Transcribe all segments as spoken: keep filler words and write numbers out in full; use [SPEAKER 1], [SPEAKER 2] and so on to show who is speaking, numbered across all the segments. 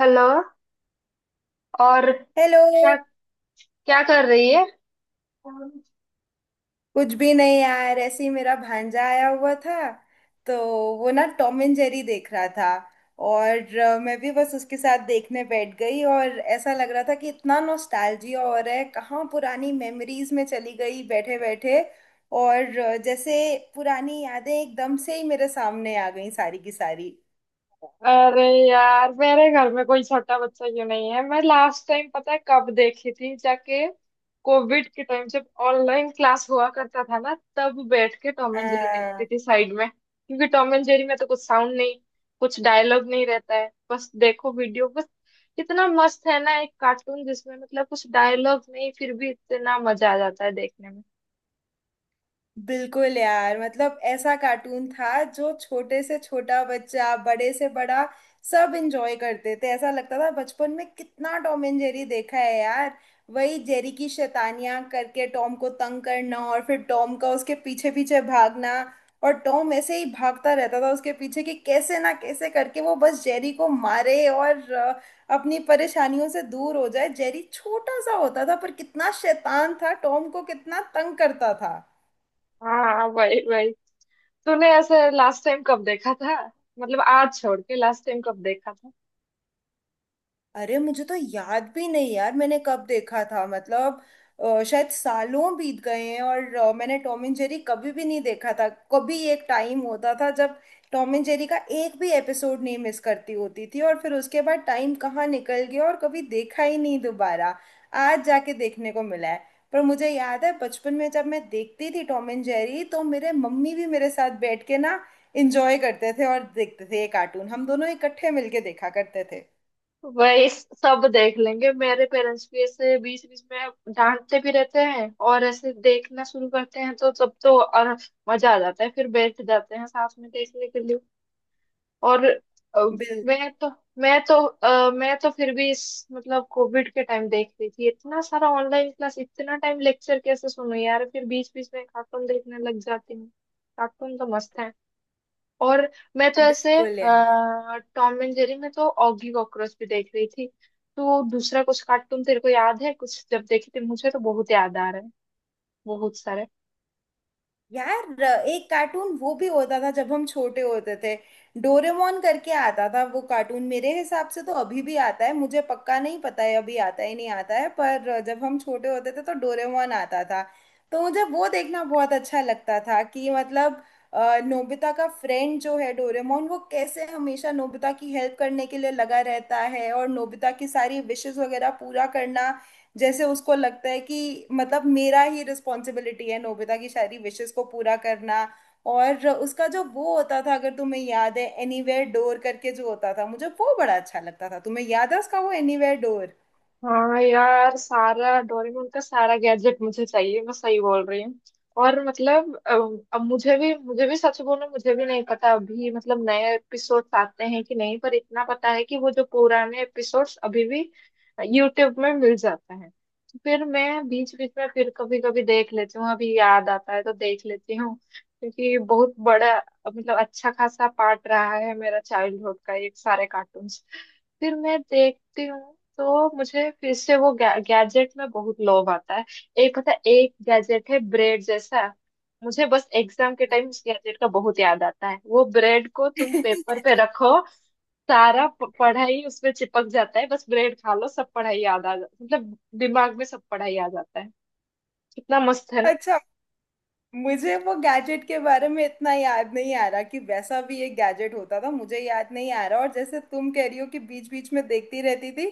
[SPEAKER 1] Hello. और
[SPEAKER 2] hello.
[SPEAKER 1] क्या क्या कर रही है?
[SPEAKER 2] कुछ भी नहीं यार, ऐसे ही मेरा भांजा आया हुआ था, तो वो ना टॉम एंड जेरी देख रहा था। और अ, मैं भी बस उसके साथ देखने बैठ गई, और ऐसा लग रहा था कि इतना नॉस्टैल्जिया हो रहा है। कहाँ पुरानी मेमोरीज में चली गई बैठे बैठे। और अ, जैसे पुरानी यादें एकदम से ही मेरे सामने आ गई, सारी की सारी।
[SPEAKER 1] अरे यार, मेरे घर में कोई छोटा बच्चा क्यों नहीं है। मैं लास्ट टाइम पता है कब देखी थी जाके? कोविड के टाइम जब ऑनलाइन क्लास हुआ करता था ना, तब बैठ के टॉम एंड जेरी देखती थी साइड में, क्योंकि टॉम एंड जेरी में तो कुछ साउंड नहीं, कुछ डायलॉग नहीं रहता है, बस देखो वीडियो बस। इतना मस्त है ना एक कार्टून जिसमें मतलब कुछ डायलॉग नहीं, फिर भी इतना मजा आ जाता है देखने में।
[SPEAKER 2] बिल्कुल यार, मतलब ऐसा कार्टून था जो छोटे से छोटा बच्चा, बड़े से बड़ा, सब एंजॉय करते थे। ऐसा लगता था बचपन में कितना टॉम एंड जेरी देखा है यार। वही जेरी की शैतानियां करके टॉम को तंग करना, और फिर टॉम का उसके पीछे पीछे भागना, और टॉम ऐसे ही भागता रहता था उसके पीछे कि कैसे ना कैसे करके वो बस जेरी को मारे और अ, अपनी परेशानियों से दूर हो जाए। जेरी छोटा सा होता था पर कितना शैतान था, टॉम को कितना तंग करता था।
[SPEAKER 1] हाँ, वही वही। तूने ऐसे लास्ट टाइम कब देखा था? मतलब आज छोड़ के लास्ट टाइम कब देखा था?
[SPEAKER 2] अरे मुझे तो याद भी नहीं यार मैंने कब देखा था। मतलब अ, शायद सालों बीत गए हैं, और अ, मैंने टॉम एंड जेरी कभी भी नहीं देखा था। कभी एक टाइम होता था जब टॉम एंड जेरी का एक भी एपिसोड नहीं मिस करती होती थी, और फिर उसके बाद टाइम कहाँ निकल गया और कभी देखा ही नहीं दोबारा। आज जाके देखने को मिला है। पर मुझे याद है बचपन में जब मैं देखती थी टॉम एंड जेरी, तो मेरे मम्मी भी मेरे साथ बैठ के ना इंजॉय करते थे और देखते थे ये कार्टून। हम दोनों इकट्ठे मिलके देखा करते थे।
[SPEAKER 1] वही सब देख लेंगे। मेरे पेरेंट्स भी ऐसे बीच बीच में डांटते भी रहते हैं, और ऐसे देखना शुरू करते हैं, तो तब तो और मजा आ जाता है, फिर बैठ जाते हैं साथ में देखने के लिए। और अ, मैं तो मैं तो अ, मैं तो फिर भी इस मतलब कोविड के टाइम देख रही थी। इतना सारा ऑनलाइन क्लास, इतना टाइम लेक्चर कैसे सुनो यार, फिर बीच बीच में कार्टून देखने लग जाती हूँ। कार्टून तो मस्त है। और मैं तो ऐसे
[SPEAKER 2] बिल्कुल यार।
[SPEAKER 1] टॉम एंड जेरी में तो ऑगी कॉकरोच भी देख रही थी। तो दूसरा कुछ कार्टून तेरे को याद है कुछ जब देखी थी? मुझे तो बहुत याद आ रहा है, बहुत सारे।
[SPEAKER 2] यार एक कार्टून वो भी होता था जब हम छोटे होते थे, डोरेमोन करके आता था वो कार्टून। मेरे हिसाब से तो अभी भी आता है, मुझे पक्का नहीं पता है अभी आता है नहीं आता है, पर जब हम छोटे होते थे तो डोरेमोन आता था। तो मुझे वो देखना बहुत अच्छा लगता था कि मतलब अ, नोबिता का फ्रेंड जो है डोरेमोन, वो कैसे हमेशा नोबिता की हेल्प करने के लिए लगा रहता है, और नोबिता की सारी विशेस वगैरह पूरा करना। जैसे उसको लगता है कि मतलब मेरा ही रिस्पॉन्सिबिलिटी है नोबिता की सारी विशेस को पूरा करना। और उसका जो वो होता था, अगर तुम्हें याद है, एनीवेयर डोर करके जो होता था, मुझे वो बड़ा अच्छा लगता था। तुम्हें याद है उसका वो एनीवेयर डोर?
[SPEAKER 1] हाँ यार, सारा डोरेमोन का सारा गैजेट मुझे चाहिए, मैं सही बोल रही हूँ। और मतलब अब अब मुझे भी मुझे भी सच बोलूं, मुझे भी नहीं पता अभी मतलब नए एपिसोड्स आते हैं कि नहीं, पर इतना पता है कि वो जो पुराने एपिसोड्स अभी भी यूट्यूब में मिल जाता है। तो फिर मैं बीच बीच में फिर कभी कभी देख लेती हूँ, अभी याद आता है तो देख लेती हूँ। क्योंकि बहुत बड़ा मतलब अच्छा खासा पार्ट रहा है मेरा चाइल्डहुड का ये सारे कार्टून्स। फिर मैं देखती हूँ तो मुझे फिर से वो गा, गैजेट में बहुत लोभ आता है। एक पता है, एक गैजेट है ब्रेड जैसा, मुझे बस एग्जाम के टाइम उस गैजेट का बहुत याद आता है। वो ब्रेड को तुम पेपर पे रखो, सारा प- पढ़ाई उसमें चिपक जाता है, बस ब्रेड खा लो, सब पढ़ाई याद आ जाता, मतलब दिमाग में सब पढ़ाई आ जाता है। कितना मस्त है ना।
[SPEAKER 2] मुझे वो गैजेट के बारे में इतना याद नहीं आ रहा कि वैसा भी एक गैजेट होता था, मुझे याद नहीं आ रहा। और जैसे तुम कह रही हो कि बीच बीच में देखती रहती थी,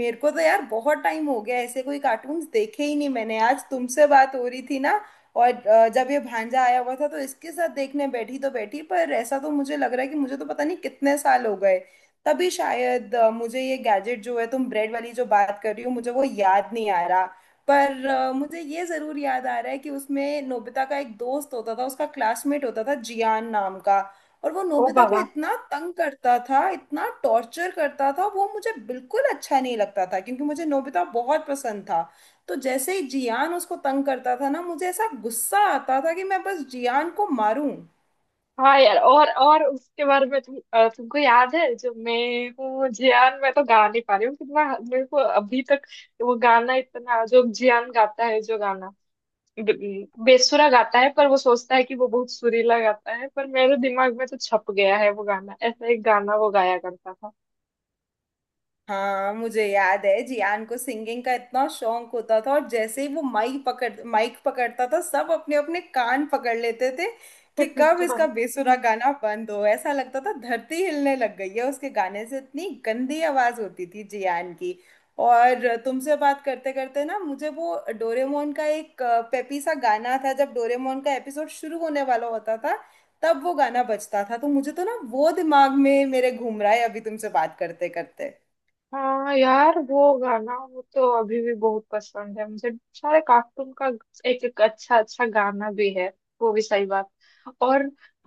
[SPEAKER 2] मेरे को तो यार बहुत टाइम हो गया ऐसे कोई कार्टून्स देखे ही नहीं मैंने। आज तुमसे बात हो रही थी ना, और अ, जब ये भांजा आया हुआ था तो इसके साथ देखने बैठी तो बैठी, पर ऐसा तो मुझे लग रहा है कि मुझे तो पता नहीं कितने साल हो गए। तभी शायद अ, मुझे ये गैजेट जो है, तुम ब्रेड वाली जो बात कर रही हो, मुझे वो याद नहीं आ रहा। पर अ, मुझे ये जरूर याद आ रहा है कि उसमें नोबिता का एक दोस्त होता था, उसका क्लासमेट होता था जियान नाम का, और वो
[SPEAKER 1] ओ
[SPEAKER 2] नोबिता को
[SPEAKER 1] भगवान।
[SPEAKER 2] इतना तंग करता था, इतना टॉर्चर करता था। वो मुझे बिल्कुल अच्छा नहीं लगता था क्योंकि मुझे नोबिता बहुत पसंद था। तो जैसे ही जियान उसको तंग करता था ना, मुझे ऐसा गुस्सा आता था कि मैं बस जियान को मारूं।
[SPEAKER 1] हाँ यार, और और उसके बारे में तुम अ, तुमको याद है जो मैं हूँ जियान, मैं तो गा नहीं पा रही हूँ कितना। मेरे को अभी तक वो गाना, इतना जो जियान गाता है, जो गाना ब- बेसुरा गाता है, पर वो सोचता है कि वो बहुत सुरीला गाता है, पर मेरे दिमाग में तो छप गया है वो गाना। ऐसा एक गाना वो गाया करता
[SPEAKER 2] हाँ मुझे याद है जियान को सिंगिंग का इतना शौक होता था, और जैसे ही वो माइक पकड़ माइक पकड़ता था सब अपने अपने कान पकड़ लेते थे कि कब
[SPEAKER 1] था।
[SPEAKER 2] इसका बेसुरा गाना बंद हो। ऐसा लगता था धरती हिलने लग गई है उसके गाने से, इतनी गंदी आवाज होती थी जियान की। और तुमसे बात करते करते ना, मुझे वो डोरेमोन का एक अ, पेपी सा गाना था, जब डोरेमोन का एपिसोड शुरू होने वाला होता था तब वो गाना बजता था, तो मुझे तो ना वो दिमाग में मेरे घूम रहा है अभी तुमसे बात करते करते।
[SPEAKER 1] हाँ यार, वो गाना वो तो अभी भी बहुत पसंद है मुझे। सारे कार्टून का एक एक अच्छा अच्छा गाना भी है। वो भी सही बात। और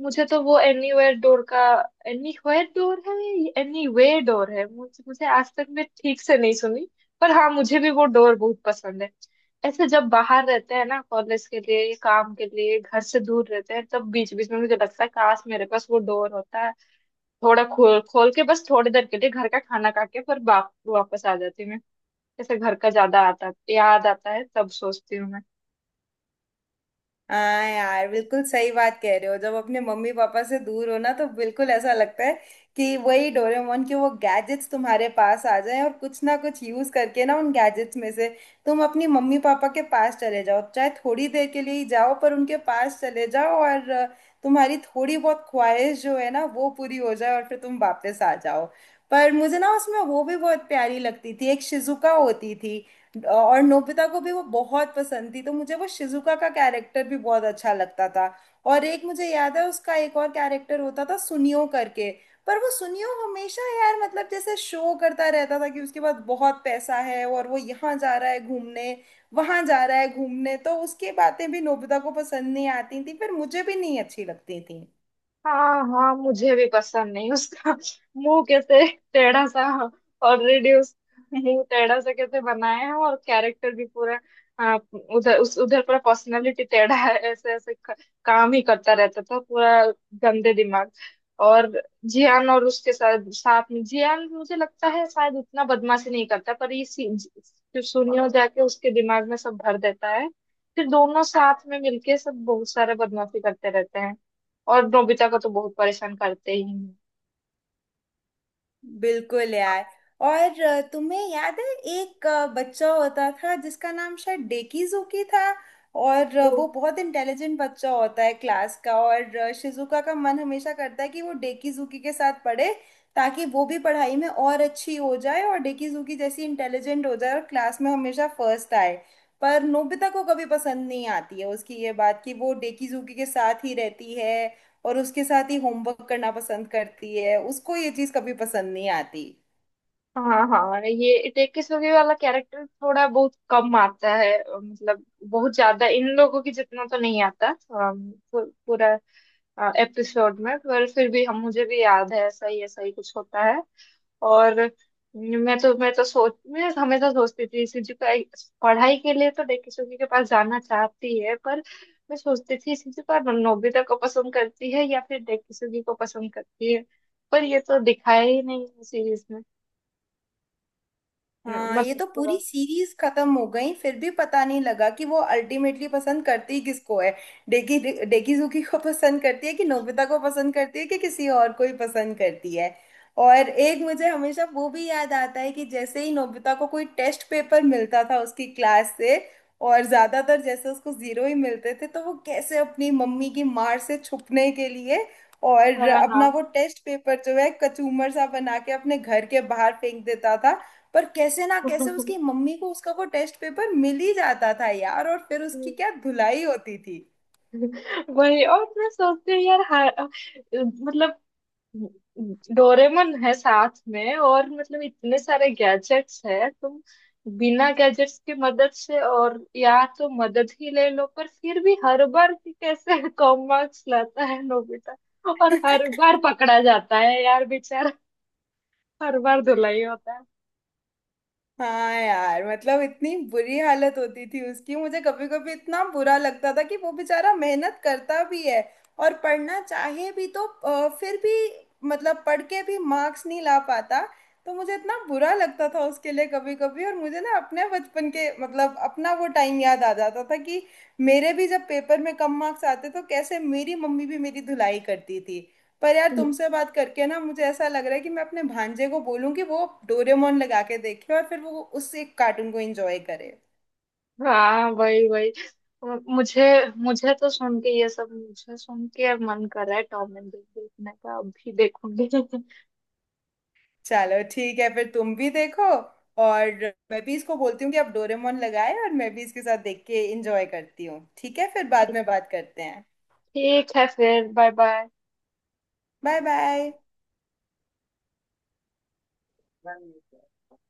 [SPEAKER 1] मुझे तो वो एनीवेयर डोर का, एनीवेयर डोर है, एनीवे डोर है, मुझे मुझे आज तक मैं ठीक से नहीं सुनी। पर हाँ, मुझे भी वो डोर बहुत पसंद है। ऐसे जब बाहर रहते हैं ना, कॉलेज के लिए, काम के लिए, घर से दूर रहते हैं, तब बीच बीच में मुझे लगता है काश मेरे पास वो डोर होता, थोड़ा खोल खोल के बस थोड़ी देर के लिए घर का खाना खा के फिर वाप, वापस आ जाती हूँ मैं। जैसे घर का ज्यादा आता याद आता है, तब सोचती हूँ मैं।
[SPEAKER 2] हाँ यार बिल्कुल सही बात कह रहे हो। जब अपने मम्मी पापा से दूर हो ना, तो बिल्कुल ऐसा लगता है कि वही डोरेमोन के वो गैजेट्स तुम्हारे पास आ जाएं, और कुछ ना कुछ यूज करके ना उन गैजेट्स में से तुम अपनी मम्मी पापा के पास चले जाओ। चाहे थोड़ी देर के लिए ही जाओ, पर उनके पास चले जाओ और अ, तुम्हारी थोड़ी बहुत ख्वाहिश जो है ना वो पूरी हो जाए, और फिर तुम वापस आ जाओ। पर मुझे ना उसमें वो भी बहुत प्यारी लगती थी, एक शिजुका होती थी। और नोबिता को भी वो बहुत पसंद थी, तो मुझे वो शिजुका का कैरेक्टर भी बहुत अच्छा लगता था। और एक मुझे याद है उसका एक और कैरेक्टर होता था सुनियो करके, पर वो सुनियो हमेशा यार मतलब जैसे शो करता रहता था कि उसके पास बहुत पैसा है और वो यहाँ जा रहा है घूमने, वहां जा रहा है घूमने, तो उसकी बातें भी नोबिता को पसंद नहीं आती थी, फिर मुझे भी नहीं अच्छी लगती थी।
[SPEAKER 1] हाँ हाँ, मुझे भी पसंद नहीं उसका। मुंह कैसे टेढ़ा सा, ऑलरेडी उस मुंह टेढ़ा सा कैसे बनाया है, और कैरेक्टर भी पूरा आ, उधर उस उधर पूरा पर्सनालिटी टेढ़ा है, ऐसे ऐसे क- काम ही करता रहता था, पूरा गंदे दिमाग। और जियान, और उसके साथ साथ में जियान मुझे लगता है शायद उतना बदमाशी नहीं करता, पर ये सी- जो सुनियो जाके उसके दिमाग में सब भर देता है, फिर दोनों साथ में मिलके सब बहुत सारे बदमाशी करते रहते हैं, और नोबिता को तो बहुत परेशान करते ही हैं।
[SPEAKER 2] बिल्कुल यार। और अ, तुम्हें याद है, एक अ, बच्चा होता था जिसका नाम शायद डेकीजुकी था, और अ,
[SPEAKER 1] तो
[SPEAKER 2] वो बहुत इंटेलिजेंट बच्चा होता है क्लास का। और अ, शिजुका का मन हमेशा करता है कि वो डेकीजुकी के साथ पढ़े, ताकि वो भी पढ़ाई में और अच्छी हो जाए और डेकीजुकी जैसी इंटेलिजेंट हो जाए और क्लास में हमेशा फर्स्ट आए। पर नोबिता को कभी पसंद नहीं आती है उसकी ये बात कि वो डेकीजुकी के साथ ही रहती है और उसके साथ ही होमवर्क करना पसंद करती है। उसको ये चीज कभी पसंद नहीं आती।
[SPEAKER 1] हाँ हाँ, ये टेकिसुगी वाला कैरेक्टर थोड़ा बहुत कम आता है, मतलब बहुत ज्यादा इन लोगों की जितना तो नहीं आता अम, पू- पूरा एपिसोड में, पर फिर भी हम मुझे भी याद है ऐसा ही ऐसा ही कुछ होता है। और मैं तो मैं तो सोच, मैं हमेशा सोचती थी सीजू का पढ़ाई के लिए तो डेकिसुगी के पास जाना चाहती है, पर मैं सोचती थी सीजू का नोबिता को पसंद करती है या फिर डेकिसुगी को पसंद करती है? पर ये तो दिखाया ही नहीं है सीरीज में,
[SPEAKER 2] हाँ, ये
[SPEAKER 1] मतलब
[SPEAKER 2] तो पूरी
[SPEAKER 1] पूरा।
[SPEAKER 2] सीरीज खत्म हो गई फिर भी पता नहीं लगा कि वो अल्टीमेटली पसंद करती किसको है। डेकी डेकीजुकी को पसंद करती है, कि नोबिता को पसंद करती है, कि किसी और को ही पसंद करती है। और एक मुझे हमेशा वो भी याद आता है कि जैसे ही नोबिता को कोई टेस्ट पेपर मिलता था उसकी क्लास से, और ज्यादातर जैसे उसको जीरो ही मिलते थे, तो वो कैसे अपनी मम्मी की मार से छुपने के लिए,
[SPEAKER 1] हाँ
[SPEAKER 2] और
[SPEAKER 1] हाँ।
[SPEAKER 2] अपना वो टेस्ट पेपर जो है कचूमर सा बना के अपने घर के बाहर फेंक देता था। पर कैसे ना कैसे उसकी मम्मी को उसका वो टेस्ट पेपर मिल ही जाता था यार, और फिर उसकी क्या धुलाई होती थी।
[SPEAKER 1] वही। और मैं सोचती हूँ यार, हाँ, मतलब डोरेमन है साथ में, और मतलब इतने सारे गैजेट्स है, तुम बिना गैजेट्स की मदद से, और या तो मदद ही ले लो, पर फिर भी हर बार कि कैसे कम मार्क्स लाता है नोबिता, और हर बार पकड़ा जाता है यार बेचारा, हर बार धुलाई होता
[SPEAKER 2] हाँ यार, मतलब इतनी बुरी हालत होती थी उसकी, मुझे कभी कभी इतना बुरा लगता था कि वो बेचारा मेहनत करता भी है और पढ़ना चाहे भी तो अ, फिर भी मतलब पढ़ के भी मार्क्स नहीं ला पाता। तो मुझे इतना बुरा लगता था उसके लिए कभी कभी, और मुझे ना अपने बचपन के मतलब अपना वो टाइम याद आ जाता था कि मेरे भी जब पेपर में कम मार्क्स आते तो कैसे मेरी मम्मी भी मेरी धुलाई करती थी। पर यार
[SPEAKER 1] है।
[SPEAKER 2] तुमसे बात करके ना मुझे ऐसा लग रहा है कि मैं अपने भांजे को बोलूं कि वो डोरेमोन लगा के देखे, और फिर वो उस एक कार्टून को एंजॉय करे।
[SPEAKER 1] हाँ, वही वही। मुझे मुझे तो सुन के ये सब, मुझे सुन के मन कर रहा है टॉम एंड जेरी देखने का, अभी देखूंगी।
[SPEAKER 2] चलो ठीक है, फिर तुम भी देखो। और मैं भी इसको बोलती हूँ कि आप डोरेमोन लगाए और मैं भी इसके साथ देख के एंजॉय करती हूँ। ठीक है, फिर बाद में बात करते हैं।
[SPEAKER 1] ठीक है फिर। बाय।
[SPEAKER 2] Bye
[SPEAKER 1] bye
[SPEAKER 2] bye.
[SPEAKER 1] कर दो कर दो।